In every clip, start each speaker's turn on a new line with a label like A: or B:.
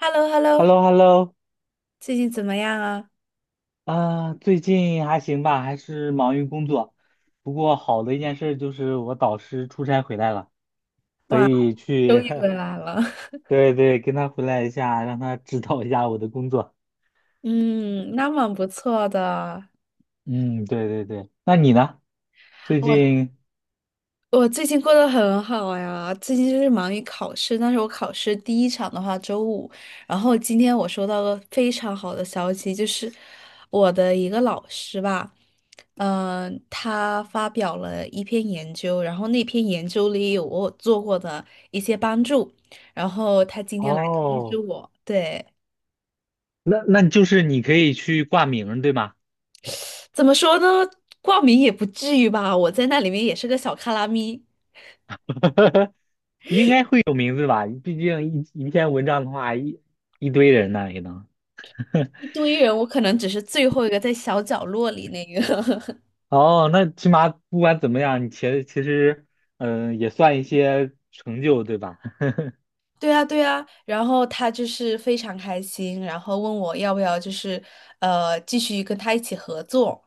A: h e l l o h e l l o
B: h e l l o h e l l o
A: 最近怎么样啊？
B: 啊，最近还行吧，还是忙于工作。不过好的一件事就是我导师出差回来了，可
A: 哇，
B: 以
A: 终
B: 去，
A: 于回 来了。
B: 对对，跟他回来一下，让他指导一下我的工作。
A: 嗯，那蛮不错的。
B: 嗯，对对对。那你呢？最
A: 我
B: 近
A: 我最近过得很好呀，最近就是忙于考试，但是我考试第一场的话周五，然后今天我收到了非常好的消息，就是我的一个老师吧，他发表了一篇研究，然后那篇研究里有我做过的一些帮助，然后他今天来通知
B: 哦，
A: 我，对。
B: 那就是你可以去挂名儿，对吗？
A: 怎么说呢？挂名也不至于吧，我在那里面也是个小卡拉咪，
B: 会有名字吧？毕竟一篇文章的话，一堆人呢也能。
A: 一堆人，我可能只是最后一个在小角落里那个。
B: 哦，那起码不管怎么样，你其实，也算一些成就，对吧？
A: 对啊，对啊。然后他就是非常开心，然后问我要不要就是继续跟他一起合作。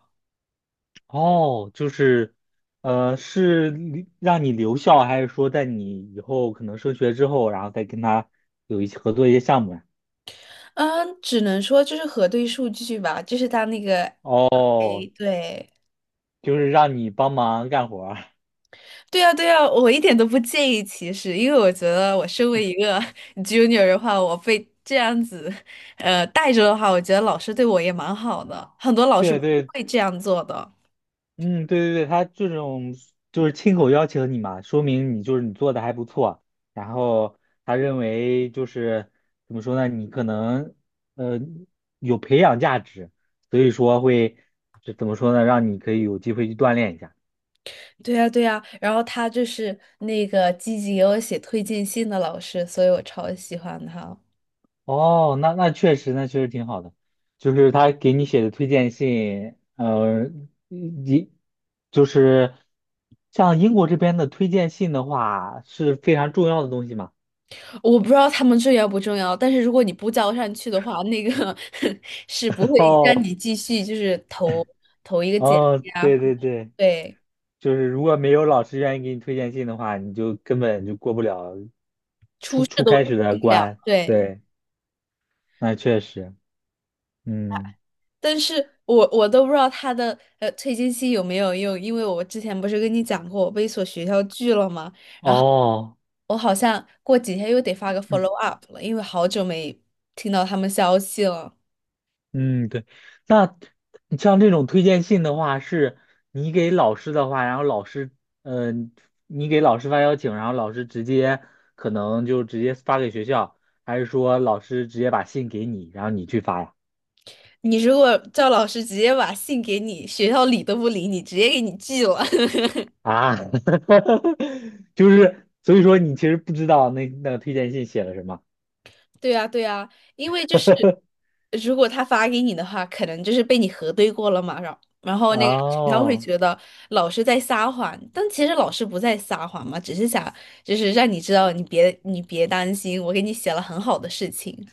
B: 哦，就是，是留让你留校，还是说在你以后可能升学之后，然后再跟他有一些合作一些项目呀？
A: 嗯，只能说就是核对数据吧，就是他那个，哎，
B: 哦，
A: 对。
B: 就是让你帮忙干活儿
A: 对呀，对呀，我一点都不介意歧视，因为我觉得我身为一个 junior 的话，我被这样子，带着的话，我觉得老师对我也蛮好的，很多老师
B: 对
A: 不
B: 对
A: 会这样做的。
B: 嗯，对对对，他这种就是亲口邀请你嘛，说明你就是你做的还不错。然后他认为就是怎么说呢，你可能呃有培养价值，所以说会就怎么说呢，让你可以有机会去锻炼一下。
A: 对呀，对呀，然后他就是那个积极给我写推荐信的老师，所以我超喜欢他。
B: 哦，那确实，那确实挺好的。就是他给你写的推荐信，你就是像英国这边的推荐信的话，是非常重要的东西嘛。
A: 我不知道他们重要不重要，但是如果你不交上去的话，那个 是不会让你 继续就是投一个简
B: 哦，
A: 历啊，
B: 对对对，
A: 对，
B: 就是如果没有老师愿意给你推荐信的话，你就根本就过不了初
A: 出事
B: 初
A: 都
B: 开始的
A: 进不了，
B: 关。
A: 对。
B: 对，那确实，嗯，
A: 但是我都不知道他的退金期有没有用，因为我之前不是跟你讲过我被一所学校拒了吗？
B: 哦，
A: 我好像过几天又得发个 follow up 了，因为好久没听到他们消息了。
B: 嗯，对，那像这种推荐信的话，是你给老师的话，然后老师，嗯、你给老师发邀请，然后老师直接可能就直接发给学校，还是说老师直接把信给你，然后你去发呀？
A: 你如果赵老师直接把信给你，学校理都不理你，直接给你拒了。
B: 啊，就是所以说你其实不知道那个推荐信写了什么。
A: 对呀，对呀，因为就是如果他发给你的话，可能就是被你核对过了嘛，然后那个他会
B: 哦，
A: 觉得老师在撒谎，但其实老师不在撒谎嘛，只是想就是让你知道你别担心，我给你写了很好的事情。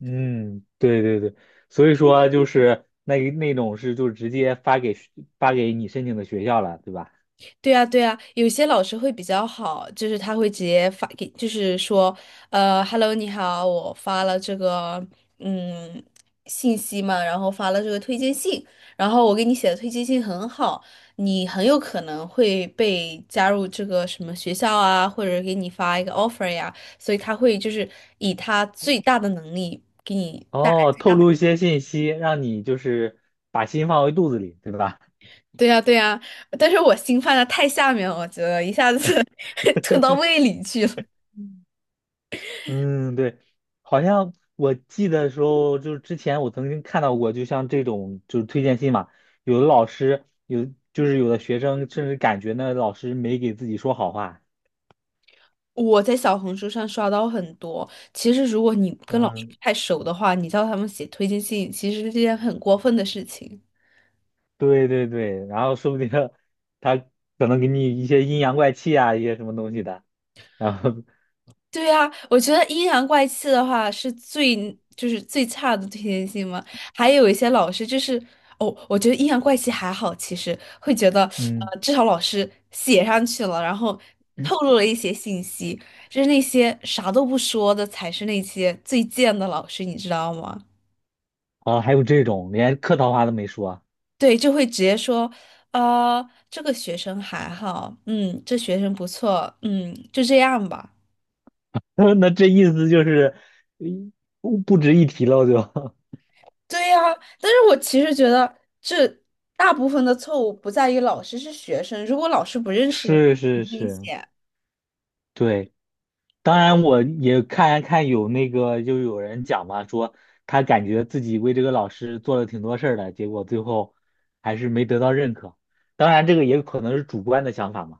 B: 嗯，对对对，所以说就是那种是就直接发给你申请的学校了，对吧？
A: 对啊，对啊，有些老师会比较好，就是他会直接发给，就是说，Hello,你好，我发了这个嗯信息嘛，然后发了这个推荐信，然后我给你写的推荐信很好，你很有可能会被加入这个什么学校啊，或者给你发一个 offer 呀，所以他会就是以他最大的能力给你。
B: 哦，透露一些信息，让你就是把心放回肚子里，对吧？
A: 对呀，对呀，但是我心放在太下面了，我觉得一下子 吞到胃里去了。
B: 嗯，对，好像我记得时候，就是之前我曾经看到过，就像这种就是推荐信嘛，有的老师有就是有的学生甚至感觉那老师没给自己说好话。
A: 我在小红书上刷到很多。其实，如果你跟老师不
B: 嗯，
A: 太熟的话，你叫他们写推荐信，其实是件很过分的事情。
B: 对对对，然后说不定 他可能给你一些阴阳怪气啊，一些什么东西的。然后，
A: 对啊，我觉得阴阳怪气的话是就是最差的推荐信嘛。还有一些老师就是哦，我觉得阴阳怪气还好，其实会觉得
B: 嗯，
A: 至少老师写上去了，然后透露了一些信息，就是那些啥都不说的才是那些最贱的老师，你知道吗？
B: 哦，还有这种连客套话都没说，
A: 对，就会直接说，这个学生还好，嗯，这学生不错，嗯，就这样吧。
B: 那这意思就是，嗯不值一提了就。
A: 对呀，但是我其实觉得这大部分的错误不在于老师，是学生。如果老师不 认识你，
B: 是是
A: 很危
B: 是，
A: 险。
B: 对。当然，我也看看有那个，就有人讲嘛，说他感觉自己为这个老师做了挺多事儿的，结果最后还是没得到认可。当然，这个也可能是主观的想法嘛。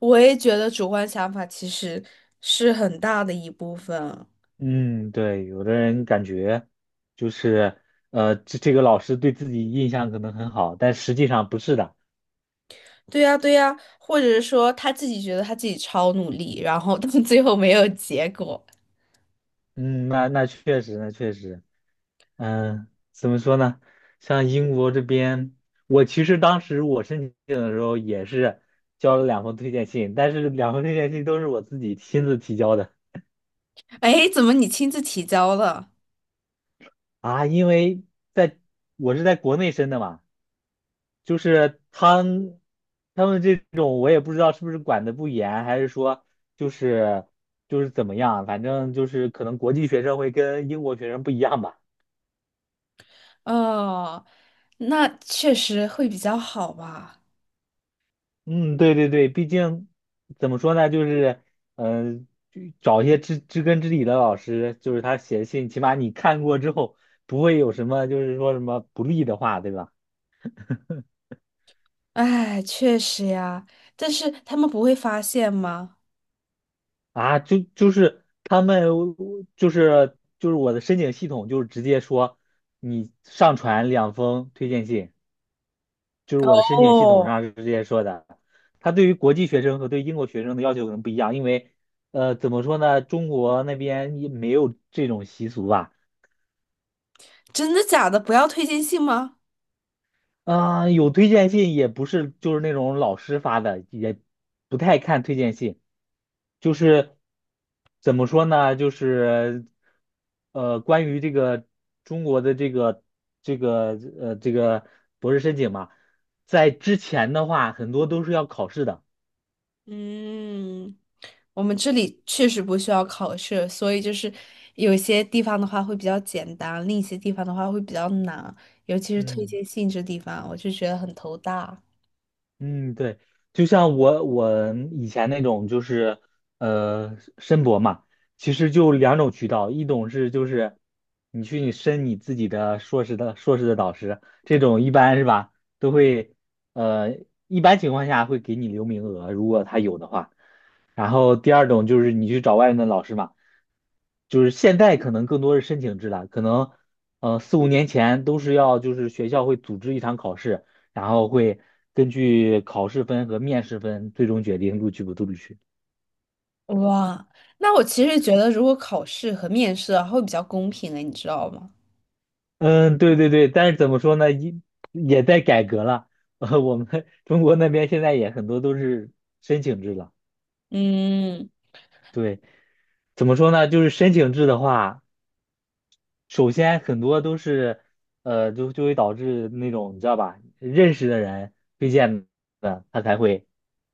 A: 我也觉得主观想法其实是很大的一部分。
B: 嗯，对，有的人感觉就是这个老师对自己印象可能很好，但实际上不是的。
A: 对呀，对呀，或者是说他自己觉得他自己超努力，然后到最后没有结果。
B: 嗯，那确实，那确实。嗯，怎么说呢？像英国这边，我其实当时我申请的时候也是交了两封推荐信，但是两封推荐信都是我自己亲自提交的
A: 哎，怎么你亲自提交了？
B: 啊，因为在我是在国内申的嘛，就是他们这种我也不知道是不是管的不严，还是说就是就是怎么样，反正就是可能国际学生会跟英国学生不一样吧。
A: 哦，那确实会比较好吧？
B: 嗯，对对对，毕竟怎么说呢，就是，就找一些知根知底的老师，就是他写信，起码你看过之后，不会有什么就是说什么不利的话，对吧？
A: 哎，确实呀，但是他们不会发现吗？
B: 啊，就是他们就是我的申请系统就是直接说你上传两封推荐信，就是我的申请系统
A: 哦，
B: 上是直接说的。他对于国际学生和对英国学生的要求可能不一样，因为怎么说呢，中国那边也没有这种习俗吧。
A: 真的假的？不要推荐信吗？
B: 啊、有推荐信也不是，就是那种老师发的，也不太看推荐信，就是怎么说呢，就是关于这个中国的这个博士申请嘛，在之前的话，很多都是要考试的，
A: 嗯，我们这里确实不需要考试，所以就是有些地方的话会比较简单，另一些地方的话会比较难，尤其是推
B: 嗯。
A: 荐信这地方，我就觉得很头大。
B: 嗯，对，就像我以前那种就是申博嘛，其实就两种渠道，一种是就是你去你申你自己的硕士的导师，这种一般是吧，都会呃一般情况下会给你留名额，如果他有的话。然后第二种就是你去找外面的老师嘛，就是现在可能更多是申请制了，可能四五年前都是要就是学校会组织一场考试。然后会根据考试分和面试分最终决定录取不录取。
A: 哇，那我其实觉得如果考试和面试啊，会比较公平诶，你知道吗？
B: 嗯，对对对，但是怎么说呢，也在改革了。我们 中国那边现在也很多都是申请制了。
A: 嗯。
B: 对，怎么说呢？就是申请制的话，首先很多都是，就会导致那种你知道吧，认识的人推荐的，他才会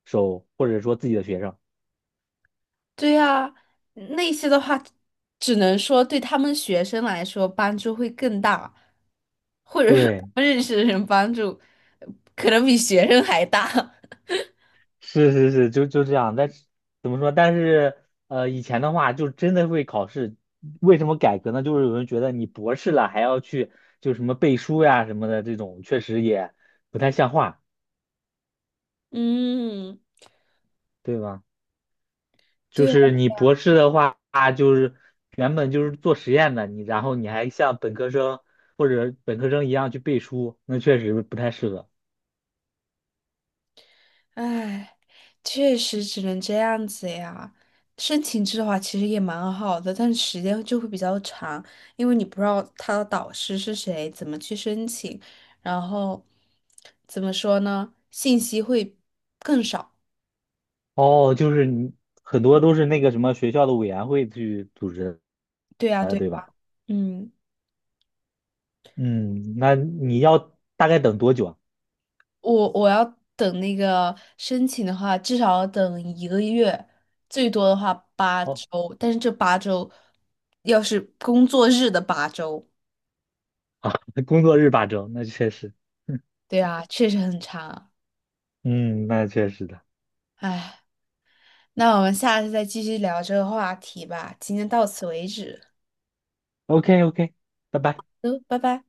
B: 收，或者说自己的学生。
A: 对呀，那些的话，只能说对他们学生来说帮助会更大，或者是他
B: 对。
A: 们认识的人帮助可能比学生还大。
B: 是是是，就这样。但是怎么说？但是以前的话就真的会考试。为什么改革呢？就是有人觉得你博士了还要去就什么背书呀什么的，这种确实也不太像话，
A: 嗯，
B: 对吧？就
A: 对呀，
B: 是你博士的话，就是原本就是做实验的，你然后你还像本科生或者本科生一样去背书，那确实不太适合。
A: 唉，确实只能这样子呀。申请制的话，其实也蛮好的，但是时间就会比较长，因为你不知道他的导师是谁，怎么去申请，然后怎么说呢，信息会更少。
B: 哦，就是你很多都是那个什么学校的委员会去组织
A: 对呀，
B: 的，
A: 对
B: 对
A: 呀
B: 吧？
A: 嗯。
B: 嗯，那你要大概等多久啊？
A: 我要等那个申请的话，至少要等一个月，最多的话八
B: 哦，
A: 周。但是这八周，要是工作日的八周，
B: 啊，工作日8周，那确实，
A: 对啊，确实很长。
B: 嗯，那确实的。
A: 唉，那我们下次再继续聊这个话题吧。今天到此为止，
B: OK OK，拜拜。
A: 嗯，拜拜。